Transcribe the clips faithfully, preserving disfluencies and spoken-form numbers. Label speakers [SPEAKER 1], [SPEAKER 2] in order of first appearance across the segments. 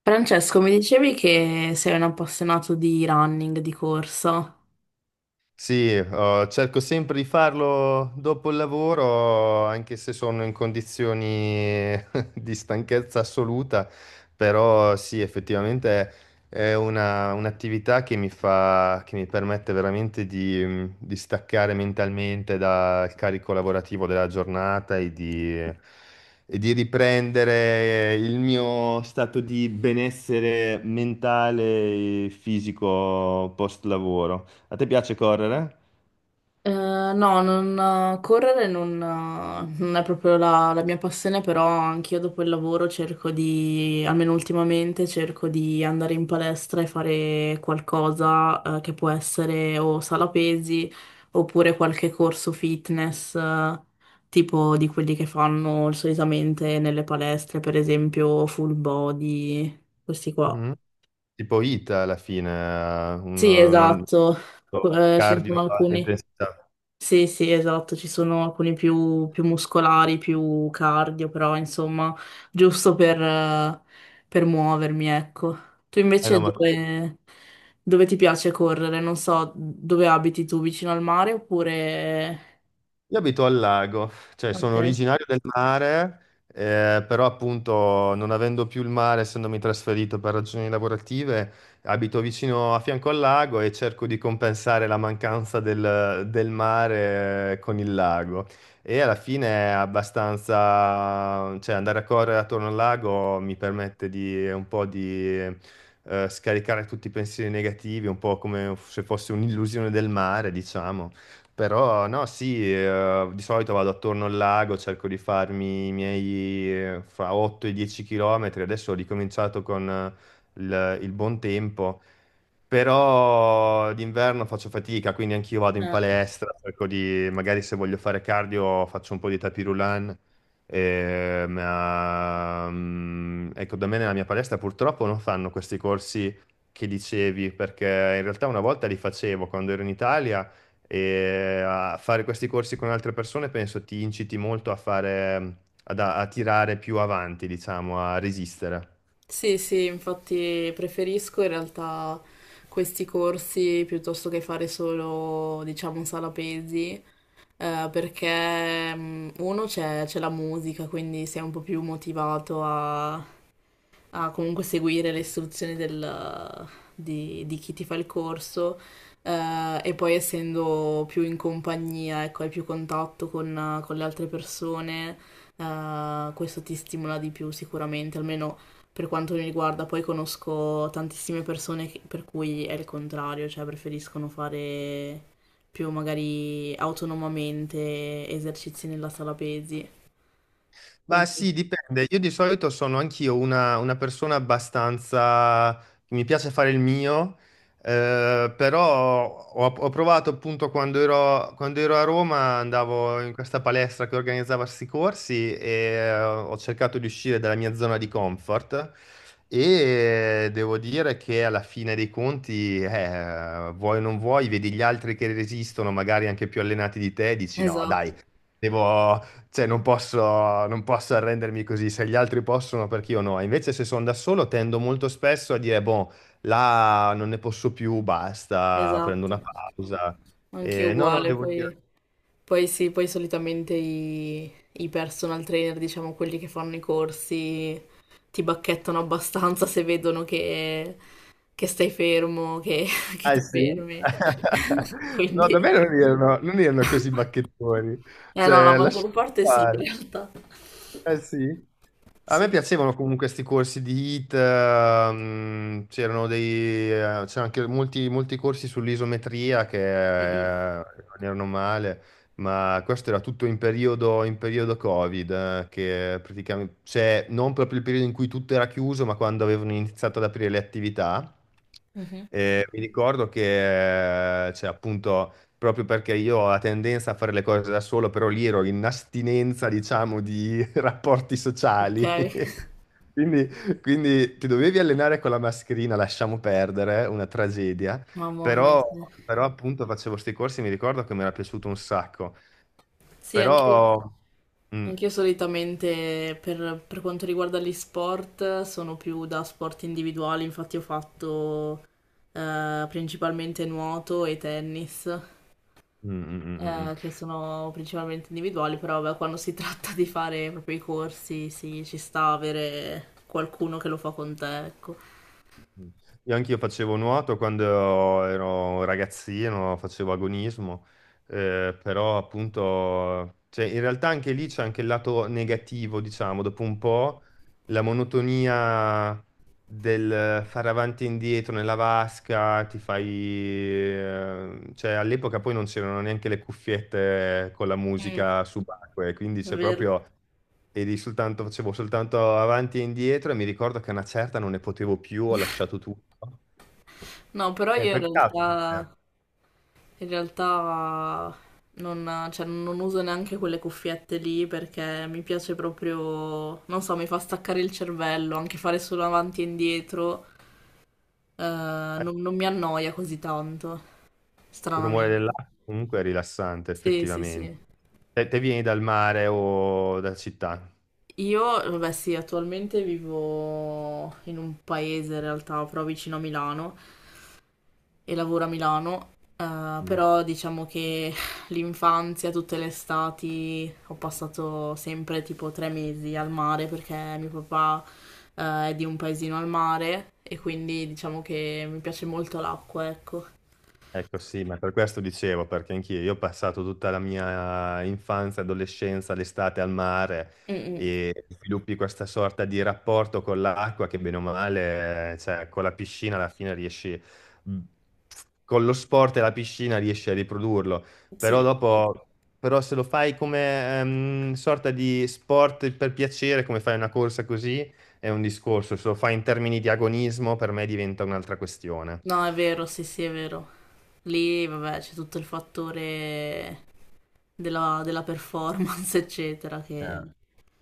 [SPEAKER 1] Francesco, mi dicevi che sei un appassionato di running, di corsa.
[SPEAKER 2] Sì, eh, cerco sempre di farlo dopo il lavoro, anche se sono in condizioni di stanchezza assoluta, però sì, effettivamente è una un'attività che mi fa che mi permette veramente di mhmm, di staccare mentalmente dal carico lavorativo della giornata e di e di riprendere il mio stato di benessere mentale e fisico post lavoro. A te piace correre?
[SPEAKER 1] Eh, no, non, correre non, non è proprio la, la mia passione, però anch'io dopo il lavoro cerco di, almeno ultimamente, cerco di andare in palestra e fare qualcosa, eh, che può essere o sala pesi oppure qualche corso fitness, eh, tipo di quelli che fanno solitamente nelle palestre, per esempio full body, questi qua.
[SPEAKER 2] Mh-mh. Tipo HIIT alla fine, eh, un
[SPEAKER 1] Sì,
[SPEAKER 2] un
[SPEAKER 1] esatto.
[SPEAKER 2] un
[SPEAKER 1] Eh, ce ne sono
[SPEAKER 2] cardio a alta
[SPEAKER 1] alcuni.
[SPEAKER 2] intensità.
[SPEAKER 1] Sì, sì, esatto, ci sono alcuni più, più, muscolari, più cardio, però insomma, giusto per, eh, per muovermi, ecco. Tu
[SPEAKER 2] Eh
[SPEAKER 1] invece
[SPEAKER 2] no, ma
[SPEAKER 1] dove, dove ti piace correre? Non so, dove abiti tu, vicino al mare oppure...
[SPEAKER 2] Io abito al lago, cioè
[SPEAKER 1] Ok.
[SPEAKER 2] sono
[SPEAKER 1] Eh,
[SPEAKER 2] originario del mare, eh, però appunto non avendo più il mare, essendomi trasferito per ragioni lavorative, abito vicino a fianco al lago e cerco di compensare la mancanza del, del mare eh, con il lago. E alla fine è abbastanza, cioè andare a correre attorno al lago mi permette di un po' di eh, scaricare tutti i pensieri negativi, un po' come se fosse un'illusione del mare, diciamo. Però no, sì, eh, di solito vado attorno al lago, cerco di farmi i miei eh, fra otto e dieci chilometri. Adesso ho ricominciato con eh, il, il buon tempo, però d'inverno faccio fatica, quindi anch'io vado in palestra, cerco di, magari se voglio fare cardio faccio un po' di tapis roulant. Eh, ma, mm, ecco, da me nella mia palestra purtroppo non fanno questi corsi che dicevi, perché in realtà una volta li facevo quando ero in Italia e a fare questi corsi con altre persone penso ti inciti molto a fare, ad- a tirare più avanti, diciamo, a resistere.
[SPEAKER 1] Sì, sì, infatti preferisco in realtà questi corsi piuttosto che fare solo, diciamo, sala pesi. Eh, perché mm, uno c'è c'è la musica, quindi sei un po' più motivato a a comunque seguire le istruzioni del- di, di chi ti fa il corso eh, e poi essendo più in compagnia, ecco, hai più contatto con, con le altre persone, eh, questo ti stimola di più sicuramente, almeno per quanto mi riguarda. Poi conosco tantissime persone che- per cui è il contrario, cioè preferiscono fare più magari autonomamente esercizi nella sala pesi.
[SPEAKER 2] Ma sì,
[SPEAKER 1] Quindi,
[SPEAKER 2] dipende. Io di solito sono anch'io una, una persona abbastanza... che mi piace fare il mio, eh, però ho, ho provato appunto quando ero, quando ero a Roma, andavo in questa palestra che organizzava questi corsi e eh, ho cercato di uscire dalla mia zona di comfort e devo dire che alla fine dei conti, eh, vuoi o non vuoi, vedi gli altri che resistono, magari anche più allenati di te, e dici no, dai.
[SPEAKER 1] esatto,
[SPEAKER 2] Devo, cioè, non posso, non posso arrendermi così, se gli altri possono, perché io no. Invece, se sono da solo, tendo molto spesso a dire, boh, là non ne posso più, basta, prendo una
[SPEAKER 1] esatto.
[SPEAKER 2] pausa.
[SPEAKER 1] Anch'io
[SPEAKER 2] E no, no,
[SPEAKER 1] uguale,
[SPEAKER 2] devo
[SPEAKER 1] poi
[SPEAKER 2] dire...
[SPEAKER 1] Poi sì, poi solitamente i, i personal trainer, diciamo quelli che fanno i corsi, ti bacchettano abbastanza se vedono che, che stai fermo, che, che
[SPEAKER 2] Ah,
[SPEAKER 1] ti
[SPEAKER 2] sì?
[SPEAKER 1] fermi.
[SPEAKER 2] No, da me
[SPEAKER 1] Quindi...
[SPEAKER 2] non erano, non erano così bacchettoni.
[SPEAKER 1] Eh no, la
[SPEAKER 2] Cioè,
[SPEAKER 1] maggior
[SPEAKER 2] lasciate
[SPEAKER 1] parte sì, in
[SPEAKER 2] fare.
[SPEAKER 1] realtà.
[SPEAKER 2] Eh sì? A me
[SPEAKER 1] Sì.
[SPEAKER 2] piacevano comunque questi corsi di HIIT, ehm, c'erano dei, eh, c'erano anche molti, molti corsi sull'isometria
[SPEAKER 1] Mm, mm.
[SPEAKER 2] che eh, non erano male, ma questo era tutto in periodo, in periodo Covid, eh, che praticamente, cioè non proprio il periodo in cui tutto era chiuso, ma quando avevano iniziato ad aprire le attività.
[SPEAKER 1] Mhm.
[SPEAKER 2] Eh, mi ricordo che, eh, cioè, appunto, proprio perché io ho la tendenza a fare le cose da solo, però lì ero in astinenza, diciamo, di rapporti
[SPEAKER 1] Ok.
[SPEAKER 2] sociali. Quindi, quindi ti dovevi allenare con la mascherina, lasciamo perdere, eh, una tragedia,
[SPEAKER 1] Mamma mia.
[SPEAKER 2] però,
[SPEAKER 1] Sì,
[SPEAKER 2] però appunto facevo questi corsi e mi ricordo che mi era piaciuto un sacco.
[SPEAKER 1] sì anche io.
[SPEAKER 2] Però... mm,
[SPEAKER 1] Anch'io solitamente per, per quanto riguarda gli sport sono più da sport individuali, infatti ho fatto eh, principalmente nuoto e tennis,
[SPEAKER 2] mm, mm, mm, mm, mm.
[SPEAKER 1] eh, che sono principalmente individuali, però vabbè, quando si tratta di fare proprio i corsi, sì, ci sta avere qualcuno che lo fa con te, ecco.
[SPEAKER 2] Mm. Io anch'io facevo nuoto quando ero ragazzino, facevo agonismo, eh, però appunto, cioè, in realtà anche lì c'è anche il lato negativo, diciamo, dopo un po' la monotonia del fare avanti e indietro nella vasca, ti fai... eh, cioè all'epoca poi non c'erano neanche le cuffiette con la
[SPEAKER 1] Mm,
[SPEAKER 2] musica subacquea, quindi
[SPEAKER 1] è
[SPEAKER 2] c'è
[SPEAKER 1] vero.
[SPEAKER 2] proprio e lì soltanto, facevo soltanto avanti e indietro e mi ricordo che a una certa non ne potevo più, ho lasciato tutto.
[SPEAKER 1] No, però
[SPEAKER 2] Eh,
[SPEAKER 1] io in
[SPEAKER 2] per caso, perché
[SPEAKER 1] realtà... In realtà non, cioè, non uso neanche quelle cuffiette lì perché mi piace proprio, non so, mi fa staccare il cervello, anche fare solo avanti e indietro, eh,
[SPEAKER 2] eh,
[SPEAKER 1] non, non mi annoia così tanto,
[SPEAKER 2] il rumore
[SPEAKER 1] stranamente.
[SPEAKER 2] dell'acqua comunque è rilassante,
[SPEAKER 1] Sì, sì,
[SPEAKER 2] effettivamente.
[SPEAKER 1] sì.
[SPEAKER 2] Te, te vieni dal mare o da città?
[SPEAKER 1] Io, vabbè, sì, attualmente vivo in un paese in realtà, però vicino a Milano e lavoro a Milano, eh,
[SPEAKER 2] Mm.
[SPEAKER 1] però diciamo che l'infanzia, tutte le estati, ho passato sempre tipo tre mesi al mare perché mio papà, eh, è di un paesino al mare e quindi diciamo che mi piace molto l'acqua, ecco.
[SPEAKER 2] Ecco sì, ma per questo dicevo, perché anch'io io ho passato tutta la mia infanzia, adolescenza, l'estate al mare
[SPEAKER 1] Mm, mm.
[SPEAKER 2] e sviluppi questa sorta di rapporto con l'acqua che bene o male, eh, cioè con la piscina alla fine riesci, mhmm, con lo sport e la piscina riesci a riprodurlo, però
[SPEAKER 1] Sì,
[SPEAKER 2] dopo, però se lo fai come ehm, sorta di sport per piacere, come fai una corsa così, è un discorso, se lo fai in termini di agonismo per me diventa un'altra questione.
[SPEAKER 1] no, è vero, sì, sì, è vero. Lì, vabbè, c'è tutto il fattore della, della performance, eccetera, che...
[SPEAKER 2] Eh.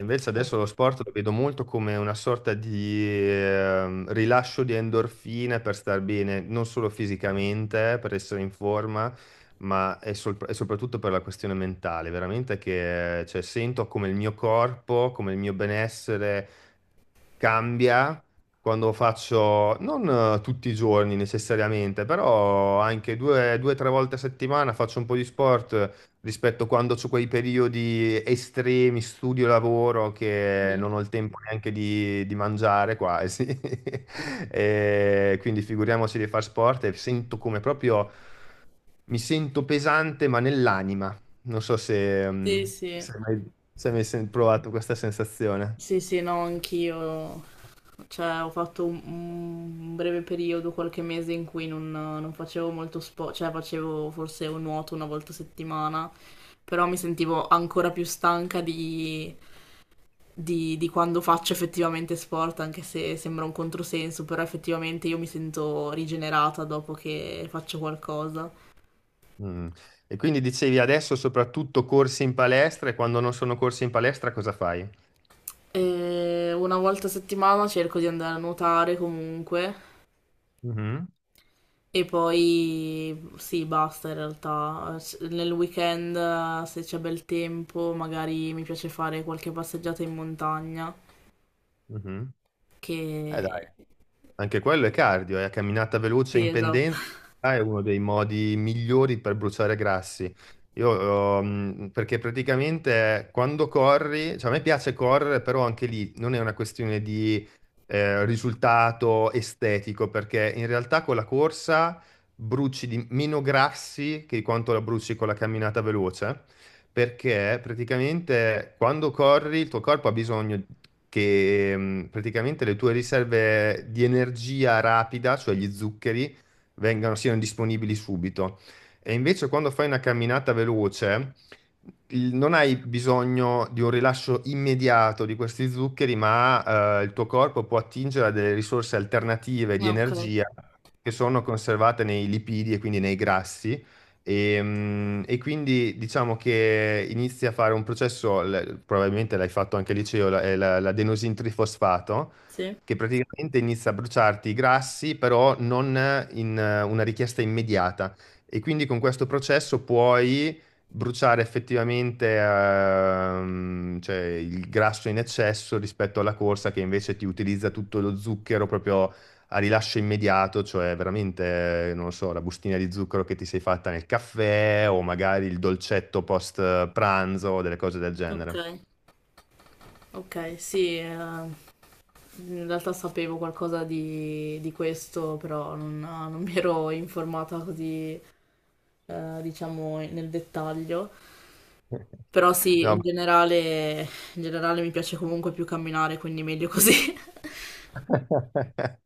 [SPEAKER 2] Invece adesso lo sport lo vedo molto come una sorta di ehm, rilascio di endorfine per star bene, non solo fisicamente, per essere in forma, ma è sol- e soprattutto per la questione mentale. Veramente che cioè, sento come il mio corpo, come il mio benessere cambia quando faccio, non eh, tutti i giorni necessariamente, però anche due, due, tre volte a settimana faccio un po' di sport rispetto quando ho quei periodi estremi, studio, lavoro, che non ho il tempo neanche di, di mangiare quasi. E quindi figuriamoci di far sport e sento come proprio, mi sento pesante ma nell'anima. Non so se,
[SPEAKER 1] Sì,
[SPEAKER 2] mm,
[SPEAKER 1] sì.
[SPEAKER 2] se hai mai, se hai mai sen- provato questa sensazione.
[SPEAKER 1] Sì, sì, no, anch'io. Cioè, ho fatto un, un breve periodo, qualche mese in cui non, non facevo molto sport, cioè facevo forse un nuoto una volta a settimana, però mi sentivo ancora più stanca di, di- di quando faccio effettivamente sport, anche se sembra un controsenso, però effettivamente io mi sento rigenerata dopo che faccio qualcosa.
[SPEAKER 2] Mm. E quindi dicevi adesso soprattutto corsi in palestra e quando non sono corsi in palestra cosa fai?
[SPEAKER 1] E una volta a settimana cerco di andare a nuotare comunque.
[SPEAKER 2] Mhm,
[SPEAKER 1] E poi sì, basta in realtà. S- Nel weekend, eh, se c'è bel tempo, magari mi piace fare qualche passeggiata in montagna.
[SPEAKER 2] mhm.
[SPEAKER 1] Che
[SPEAKER 2] Eh dai. Anche quello è cardio, è a camminata veloce
[SPEAKER 1] Sì,
[SPEAKER 2] in
[SPEAKER 1] esatto.
[SPEAKER 2] pendenza, ah, è uno dei modi migliori per bruciare grassi. Io, ehm, perché praticamente quando corri, cioè a me piace correre, però anche lì non è una questione di eh, risultato estetico, perché in realtà con la corsa bruci di meno grassi che quanto la bruci con la camminata veloce perché praticamente quando corri il tuo corpo ha bisogno che mm, praticamente le tue riserve di energia rapida, cioè gli zuccheri, vengano, siano disponibili subito. E invece quando fai una camminata veloce, il- non hai bisogno di un rilascio immediato di questi zuccheri, ma eh, il tuo corpo può attingere a delle risorse alternative di
[SPEAKER 1] Ok,
[SPEAKER 2] energia che sono conservate nei lipidi e quindi nei grassi. Ehm, E, quindi diciamo che inizi a fare un processo, l- probabilmente l'hai fatto anche al liceo, la- è la- l'adenosin trifosfato,
[SPEAKER 1] sì,
[SPEAKER 2] che praticamente inizia a bruciarti i grassi, però non in eh, una richiesta immediata. E quindi con questo processo puoi bruciare effettivamente ehm, cioè, il grasso in eccesso rispetto alla corsa che invece ti utilizza tutto lo zucchero proprio a rilascio immediato, cioè veramente, non lo so, la bustina di zucchero che ti sei fatta nel caffè o magari il dolcetto post pranzo o delle cose del
[SPEAKER 1] ok,
[SPEAKER 2] genere.
[SPEAKER 1] ok, sì. eh, In realtà sapevo qualcosa di, di questo, però non, non mi ero informata così, eh, diciamo, nel dettaglio. Però sì,
[SPEAKER 2] No.
[SPEAKER 1] in generale, in generale, mi piace comunque più camminare, quindi meglio così.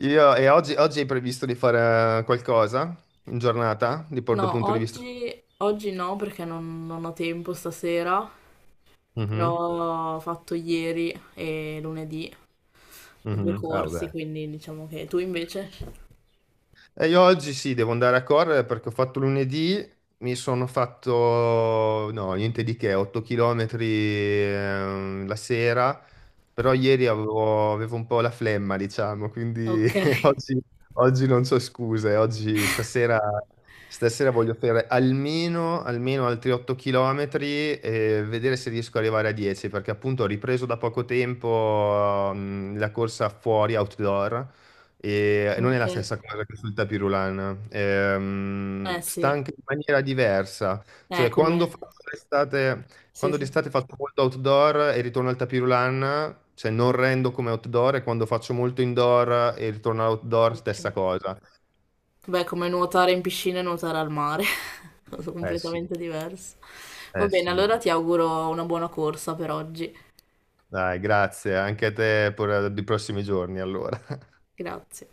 [SPEAKER 2] Io, e oggi, oggi hai previsto di fare qualcosa in giornata, di dal
[SPEAKER 1] No,
[SPEAKER 2] punto di vista?
[SPEAKER 1] oggi, oggi no perché non, non ho tempo stasera,
[SPEAKER 2] Mhm,
[SPEAKER 1] però ho fatto ieri e lunedì due
[SPEAKER 2] mhm. Ah,
[SPEAKER 1] corsi,
[SPEAKER 2] vabbè.
[SPEAKER 1] quindi diciamo che tu invece.
[SPEAKER 2] E io oggi sì, devo andare a correre perché ho fatto lunedì, mi sono fatto, no, niente di che, otto chilometri la sera, però ieri avevo, avevo un po' la flemma, diciamo, quindi
[SPEAKER 1] Ok.
[SPEAKER 2] oggi, oggi non c'ho scuse, oggi stasera, stasera voglio fare almeno, almeno altri otto chilometri e vedere se riesco ad arrivare a dieci, perché appunto ho ripreso da poco tempo mm, la corsa fuori, outdoor. E non è
[SPEAKER 1] Ok.
[SPEAKER 2] la stessa cosa che sul tapirulan, ehm,
[SPEAKER 1] Eh sì,
[SPEAKER 2] sta anche in maniera diversa,
[SPEAKER 1] è
[SPEAKER 2] cioè quando
[SPEAKER 1] come...
[SPEAKER 2] faccio l'estate,
[SPEAKER 1] Sì,
[SPEAKER 2] quando
[SPEAKER 1] sì.
[SPEAKER 2] d'estate faccio molto outdoor e ritorno al tapirulan, cioè non rendo come outdoor e quando faccio molto indoor e ritorno all'outdoor
[SPEAKER 1] Ok.
[SPEAKER 2] stessa cosa.
[SPEAKER 1] Beh, come nuotare in piscina e nuotare al mare, sono
[SPEAKER 2] Eh sì,
[SPEAKER 1] completamente diverso. Va
[SPEAKER 2] eh
[SPEAKER 1] bene,
[SPEAKER 2] sì,
[SPEAKER 1] allora ti auguro una buona corsa per oggi.
[SPEAKER 2] dai, grazie, anche a te per eh, i prossimi giorni allora.
[SPEAKER 1] Grazie.